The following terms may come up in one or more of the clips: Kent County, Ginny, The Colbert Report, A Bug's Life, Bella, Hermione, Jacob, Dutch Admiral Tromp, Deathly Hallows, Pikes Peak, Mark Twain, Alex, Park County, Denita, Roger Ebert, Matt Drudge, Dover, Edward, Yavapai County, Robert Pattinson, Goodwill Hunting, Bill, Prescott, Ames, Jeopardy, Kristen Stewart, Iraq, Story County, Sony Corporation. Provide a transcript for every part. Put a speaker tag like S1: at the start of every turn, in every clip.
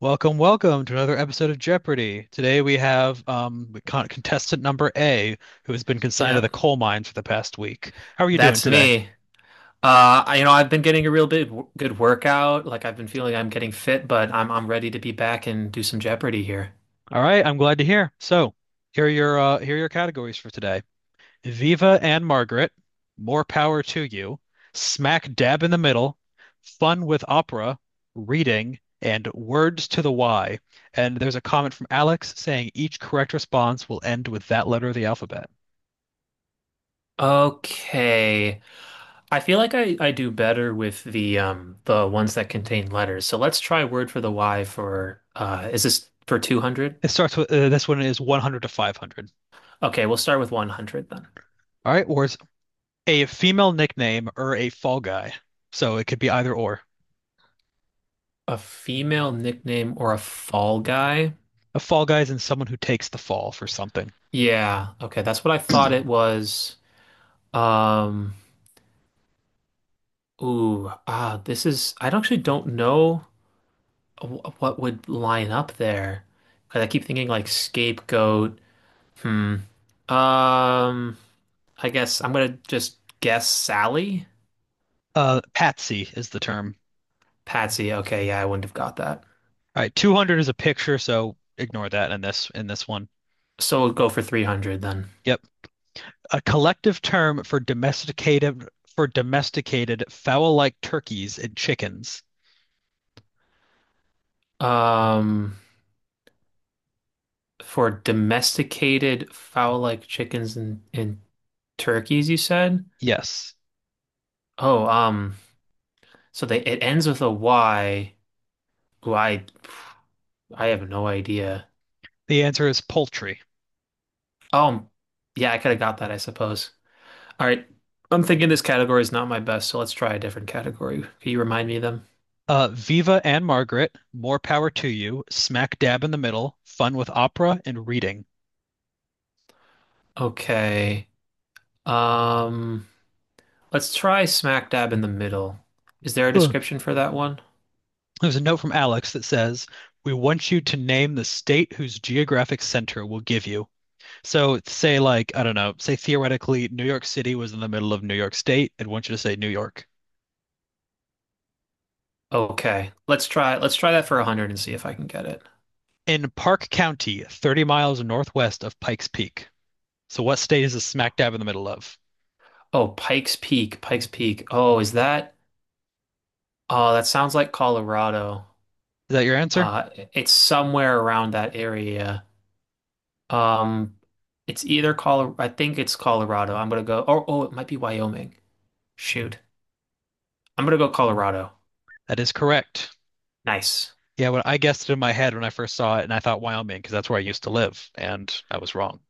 S1: Welcome, welcome to another episode of Jeopardy! Today we have contestant number A, who has been consigned to the
S2: Yep,
S1: coal mine for the past week. How are you doing
S2: that's
S1: today?
S2: me. I, I've been getting a real big good workout. Like I've been feeling I'm getting fit, but I'm ready to be back and do some Jeopardy here.
S1: All right, I'm glad to hear. So, here are your categories for today: Viva and Margaret, More Power to You, Smack Dab in the Middle, Fun with Opera, Reading, and Words to the Y. And there's a comment from Alex saying each correct response will end with that letter of the alphabet.
S2: Okay. I feel like I do better with the ones that contain letters. So let's try word for the Y for is this for 200?
S1: It starts with this one is 100 to 500.
S2: Okay, we'll start with 100 then.
S1: All right, or it's a female nickname or a fall guy. So it could be either or.
S2: A female nickname or a fall guy?
S1: A fall guy is in someone who takes the fall for something.
S2: Yeah. Okay, that's what I thought it was. Um Ooh, ah, this is, I don't- actually don't know what would line up there. 'Cause I keep thinking like scapegoat. Hmm. Um, I guess I'm gonna just guess Sally.
S1: Patsy is the term.
S2: Patsy. Okay, yeah, I wouldn't have got that.
S1: All right, 200 is a picture, so ignore that in this one.
S2: So we'll go for 300 then.
S1: Yep. A collective term for domesticated fowl-like turkeys and chickens.
S2: Um, for domesticated fowl-like chickens and turkeys, you said?
S1: Yes.
S2: Oh, so they it ends with a Y. Ooh, I have no idea.
S1: The answer is poultry.
S2: Oh, yeah, I could have got that, I suppose. All right. I'm thinking this category is not my best, so let's try a different category. Can you remind me of them?
S1: Viva and Margaret, more power to you. Smack dab in the middle. Fun with opera and reading.
S2: Okay. Um, let's try smack dab in the middle. Is there a
S1: Ugh.
S2: description for that one?
S1: There's a note from Alex that says, "We want you to name the state whose geographic center will give you." So say like, I don't know, say theoretically New York City was in the middle of New York State, I'd want you to say New York.
S2: Okay. Let's try that for 100 and see if I can get it.
S1: In Park County, 30 miles northwest of Pikes Peak. So what state is this smack dab in the middle of?
S2: Oh, Pikes Peak, Pikes Peak. Oh, is that? Oh, that sounds like Colorado.
S1: Is that your answer?
S2: It's somewhere around that area. Um, It's either Colorado. I think it's Colorado. I'm gonna go. Or oh, it might be Wyoming. Shoot, I'm gonna go Colorado.
S1: That is correct.
S2: Nice.
S1: Yeah, when I guessed it in my head when I first saw it, and I thought Wyoming because that's where I used to live, and I was wrong.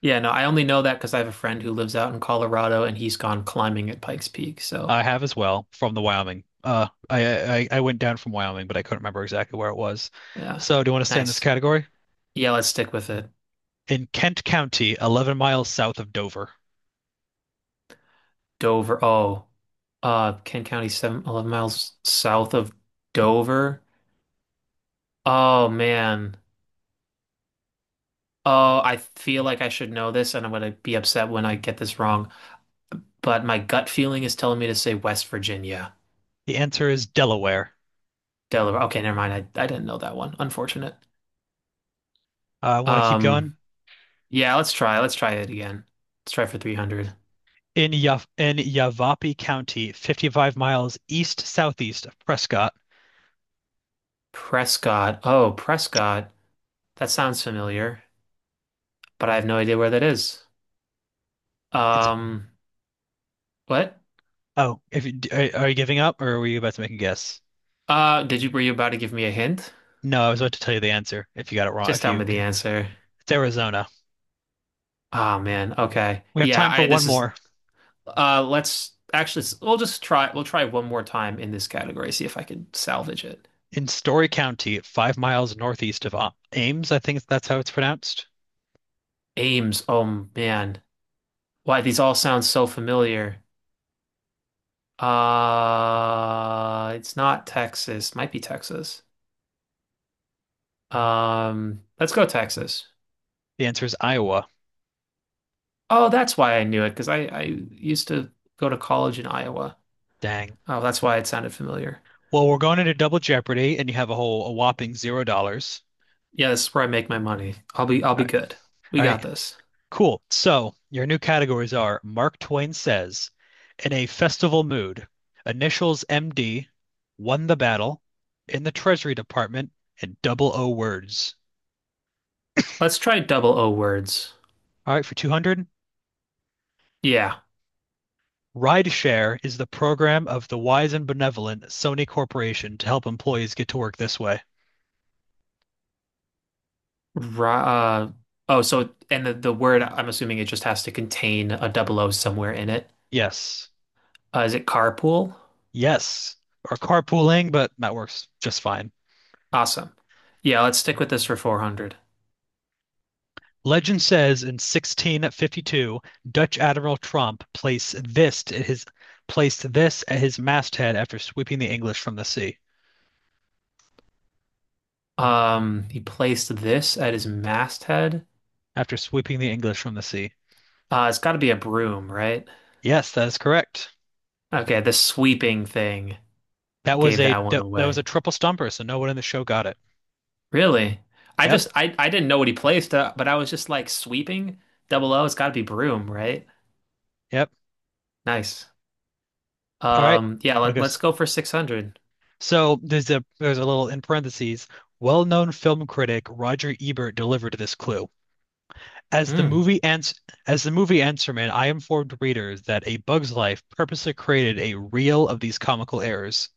S2: Yeah, no, I only know that because I have a friend who lives out in Colorado and he's gone climbing at Pikes Peak. So
S1: I have as well from the Wyoming. I went down from Wyoming, but I couldn't remember exactly where it was.
S2: yeah,
S1: So, do you want to stay in this
S2: nice.
S1: category?
S2: Yeah, let's stick with it.
S1: In Kent County, 11 miles south of Dover.
S2: Dover. Oh, Kent County, seven, 11 miles south of Dover. Oh man. Oh, I feel like I should know this, and I'm gonna be upset when I get this wrong. But my gut feeling is telling me to say West Virginia.
S1: The answer is Delaware.
S2: Delaware. Okay, never mind. I didn't know that one. Unfortunate.
S1: I want to keep
S2: Um,
S1: going.
S2: yeah, let's try. Let's try it again. Let's try for 300.
S1: In Yavapai County, 55 miles east southeast of Prescott.
S2: Prescott. Oh, Prescott. That sounds familiar, but I have no idea where that is.
S1: It's
S2: Um, what?
S1: Oh, if you, are you giving up or were you about to make a guess?
S2: Were you about to give me a hint?
S1: No, I was about to tell you the answer if you got it wrong.
S2: Just
S1: If
S2: tell
S1: you,
S2: me the
S1: It's
S2: answer.
S1: Arizona.
S2: Oh man. Okay.
S1: We have time for one more.
S2: Let's actually, we'll just try, we'll try one more time in this category, see if I can salvage it.
S1: In Story County, 5 miles northeast of Ames, I think that's how it's pronounced.
S2: Ames. Oh man. Why, these all sound so familiar. It's not Texas. Might be Texas. Let's go Texas.
S1: The answer is Iowa.
S2: Oh, that's why I knew it because I used to go to college in Iowa.
S1: Dang.
S2: Oh, that's why it sounded familiar.
S1: Well, we're going into Double Jeopardy, and you have a whole a whopping $0.
S2: Yeah, this is where I make my money. I'll
S1: All
S2: be
S1: right.
S2: good. We
S1: All
S2: got
S1: right.
S2: this.
S1: Cool. So your new categories are Mark Twain says, in a festival mood, initials MD, won the battle, in the Treasury Department, and double O words.
S2: Let's try double O words.
S1: All right, for 200.
S2: Yeah.
S1: Rideshare is the program of the wise and benevolent Sony Corporation to help employees get to work this way.
S2: Ra oh, so and the word I'm assuming it just has to contain a double O somewhere in it.
S1: Yes.
S2: Is it carpool?
S1: Yes. Or carpooling, but that works just fine.
S2: Awesome. Yeah, let's stick with this for 400.
S1: Legend says in 1652, Dutch Admiral Tromp placed this at his masthead after sweeping the English from the sea.
S2: He placed this at his masthead.
S1: After sweeping the English from the sea.
S2: It's got to be a broom, right?
S1: Yes, that is correct.
S2: Okay, the sweeping thing
S1: That was
S2: gave
S1: a
S2: that one
S1: that, that was a
S2: away.
S1: triple stumper, so no one in the show got it.
S2: Really? I
S1: Yep.
S2: just I didn't know what he placed, but I was just like sweeping. Double O, it's got to be broom, right?
S1: Yep.
S2: Nice.
S1: All right. Want to go
S2: Let's go for 600.
S1: So there's a little in parentheses. Well-known film critic Roger Ebert delivered this clue. As the
S2: Hmm.
S1: movie ends, as the movie Answerman, I informed readers that A Bug's Life purposely created a reel of these comical errors.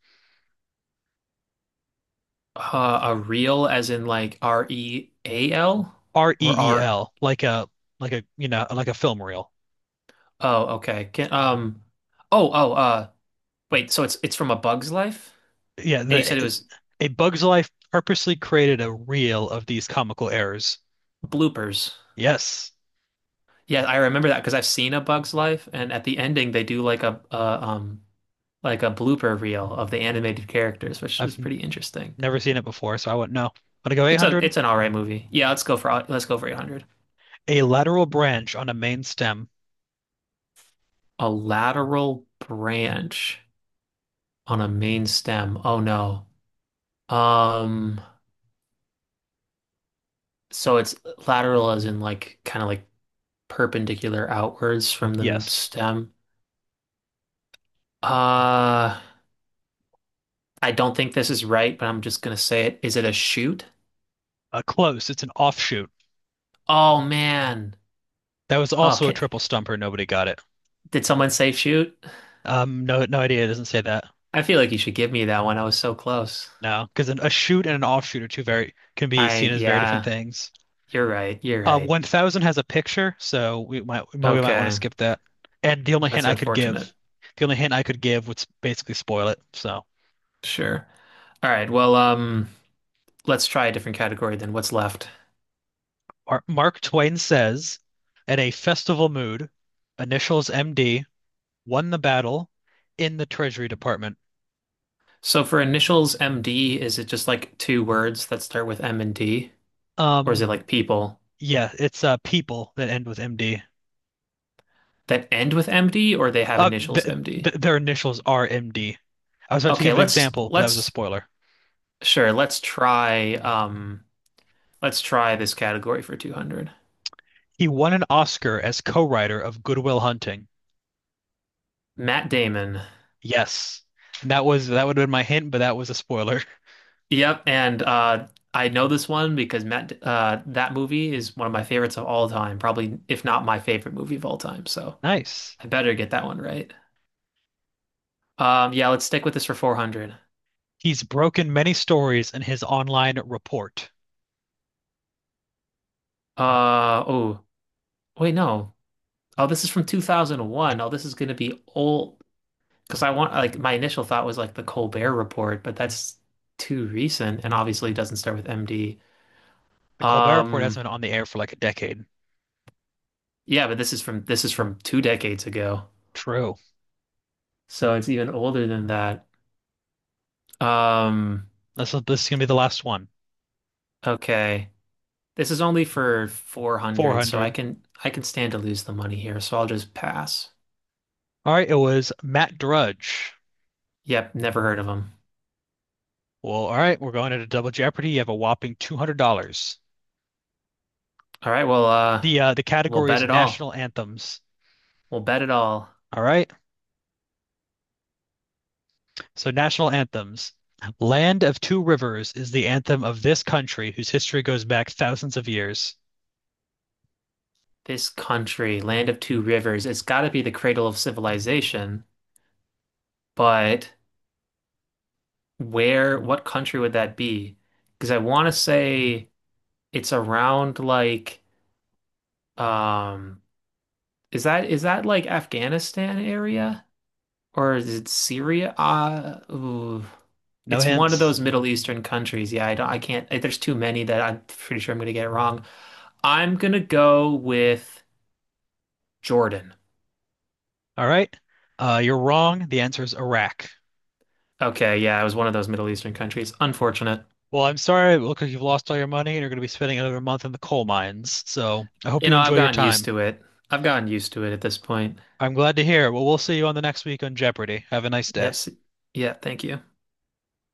S2: A reel as in like REAL or R?
S1: reel, like a like a film reel.
S2: Oh, okay. Can um oh, wait, so it's from A Bug's Life?
S1: Yeah,
S2: And you said it was
S1: A Bug's Life purposely created a reel of these comical errors.
S2: bloopers.
S1: Yes,
S2: Yeah, I remember that because I've seen A Bug's Life, and at the ending they do like a like a blooper reel of the animated characters, which is
S1: I've
S2: pretty interesting.
S1: never seen it before, so I wouldn't know. I'm gonna go 800.
S2: It's an all right movie. Yeah, let's go for 800.
S1: A lateral branch on a main stem.
S2: A lateral branch on a main stem. Oh no. Um, so it's lateral as in like kind of like perpendicular outwards from the
S1: Yes.
S2: stem. Uh, I don't think this is right, but I'm just gonna say it. Is it a shoot?
S1: Close. It's an offshoot.
S2: Oh man.
S1: That was
S2: Oh,
S1: also a
S2: can,
S1: triple stumper. Nobody got it.
S2: Did someone say shoot?
S1: No, no idea. It doesn't say that.
S2: I feel like you should give me that one. I was so close.
S1: No, because a shoot and an offshoot are two very can be seen as very different
S2: Yeah,
S1: things.
S2: you're right. You're right.
S1: 1000 has a picture, so we might want to
S2: Okay.
S1: skip that. And the only hint
S2: That's
S1: I could
S2: unfortunate.
S1: give, the only hint I could give would basically spoil it. So
S2: Sure. All right. Well, let's try a different category. Then what's left.
S1: Mark Twain says, "At a festival mood, initials MD won the battle in the Treasury Department."
S2: So for initials MD, is it just like two words that start with M and D? Or is it
S1: Um,
S2: like people
S1: yeah, it's people that end with MD.
S2: that end with MD or they have
S1: Th
S2: initials MD?
S1: th their initials are MD. I was about to
S2: Okay,
S1: give an example, but that was a spoiler.
S2: sure, let's try um let's try this category for 200.
S1: He won an Oscar as co-writer of Goodwill Hunting.
S2: Matt Damon.
S1: Yes. And that would have been my hint, but that was a spoiler.
S2: Yep, and I know this one because that movie is one of my favorites of all time, probably if not my favorite movie of all time. So
S1: Nice.
S2: I better get that one right. Yeah, let's stick with this for 400.
S1: He's broken many stories in his online report.
S2: Oh, wait, no. Oh, this is from 2001. Oh, this is gonna be old because I want like my initial thought was like the Colbert Report, but that's too recent and obviously doesn't start with MD.
S1: The Colbert Report
S2: Um,
S1: hasn't been on the air for like a decade.
S2: yeah, but this is from two decades ago,
S1: True.
S2: so it's even older than that. Um,
S1: This is gonna be the last one.
S2: Okay. This is only for 400, so
S1: 400.
S2: I can stand to lose the money here, so I'll just pass.
S1: All right, it was Matt Drudge.
S2: Yep, never heard of them.
S1: Well, all right, we're going into Double Jeopardy. You have a whopping $200.
S2: All right, well,
S1: The
S2: we'll
S1: category
S2: bet
S1: is
S2: it all.
S1: national anthems.
S2: We'll bet it all.
S1: All right. So national anthems. Land of Two Rivers is the anthem of this country whose history goes back thousands of years.
S2: This country, land of two rivers, it's got to be the cradle of civilization, but where, what country would that be? Because I want to say it's around like um is that like Afghanistan area? Or is it Syria? Ooh.
S1: No
S2: It's one of
S1: hints.
S2: those Middle Eastern countries. Yeah, I don't, I can't, eh, there's too many that I'm pretty sure I'm gonna get it wrong. I'm gonna go with Jordan.
S1: All right. You're wrong. The answer is Iraq.
S2: Okay, yeah, it was one of those Middle Eastern countries. Unfortunate.
S1: Well, I'm sorry. It looks like you've lost all your money and you're going to be spending another month in the coal mines. So I hope
S2: You
S1: you
S2: know, I've
S1: enjoy your
S2: gotten used
S1: time.
S2: to it. I've gotten used to it at this point.
S1: I'm glad to hear. Well, we'll see you on the next week on Jeopardy. Have a nice day.
S2: Yes. Yeah, thank you.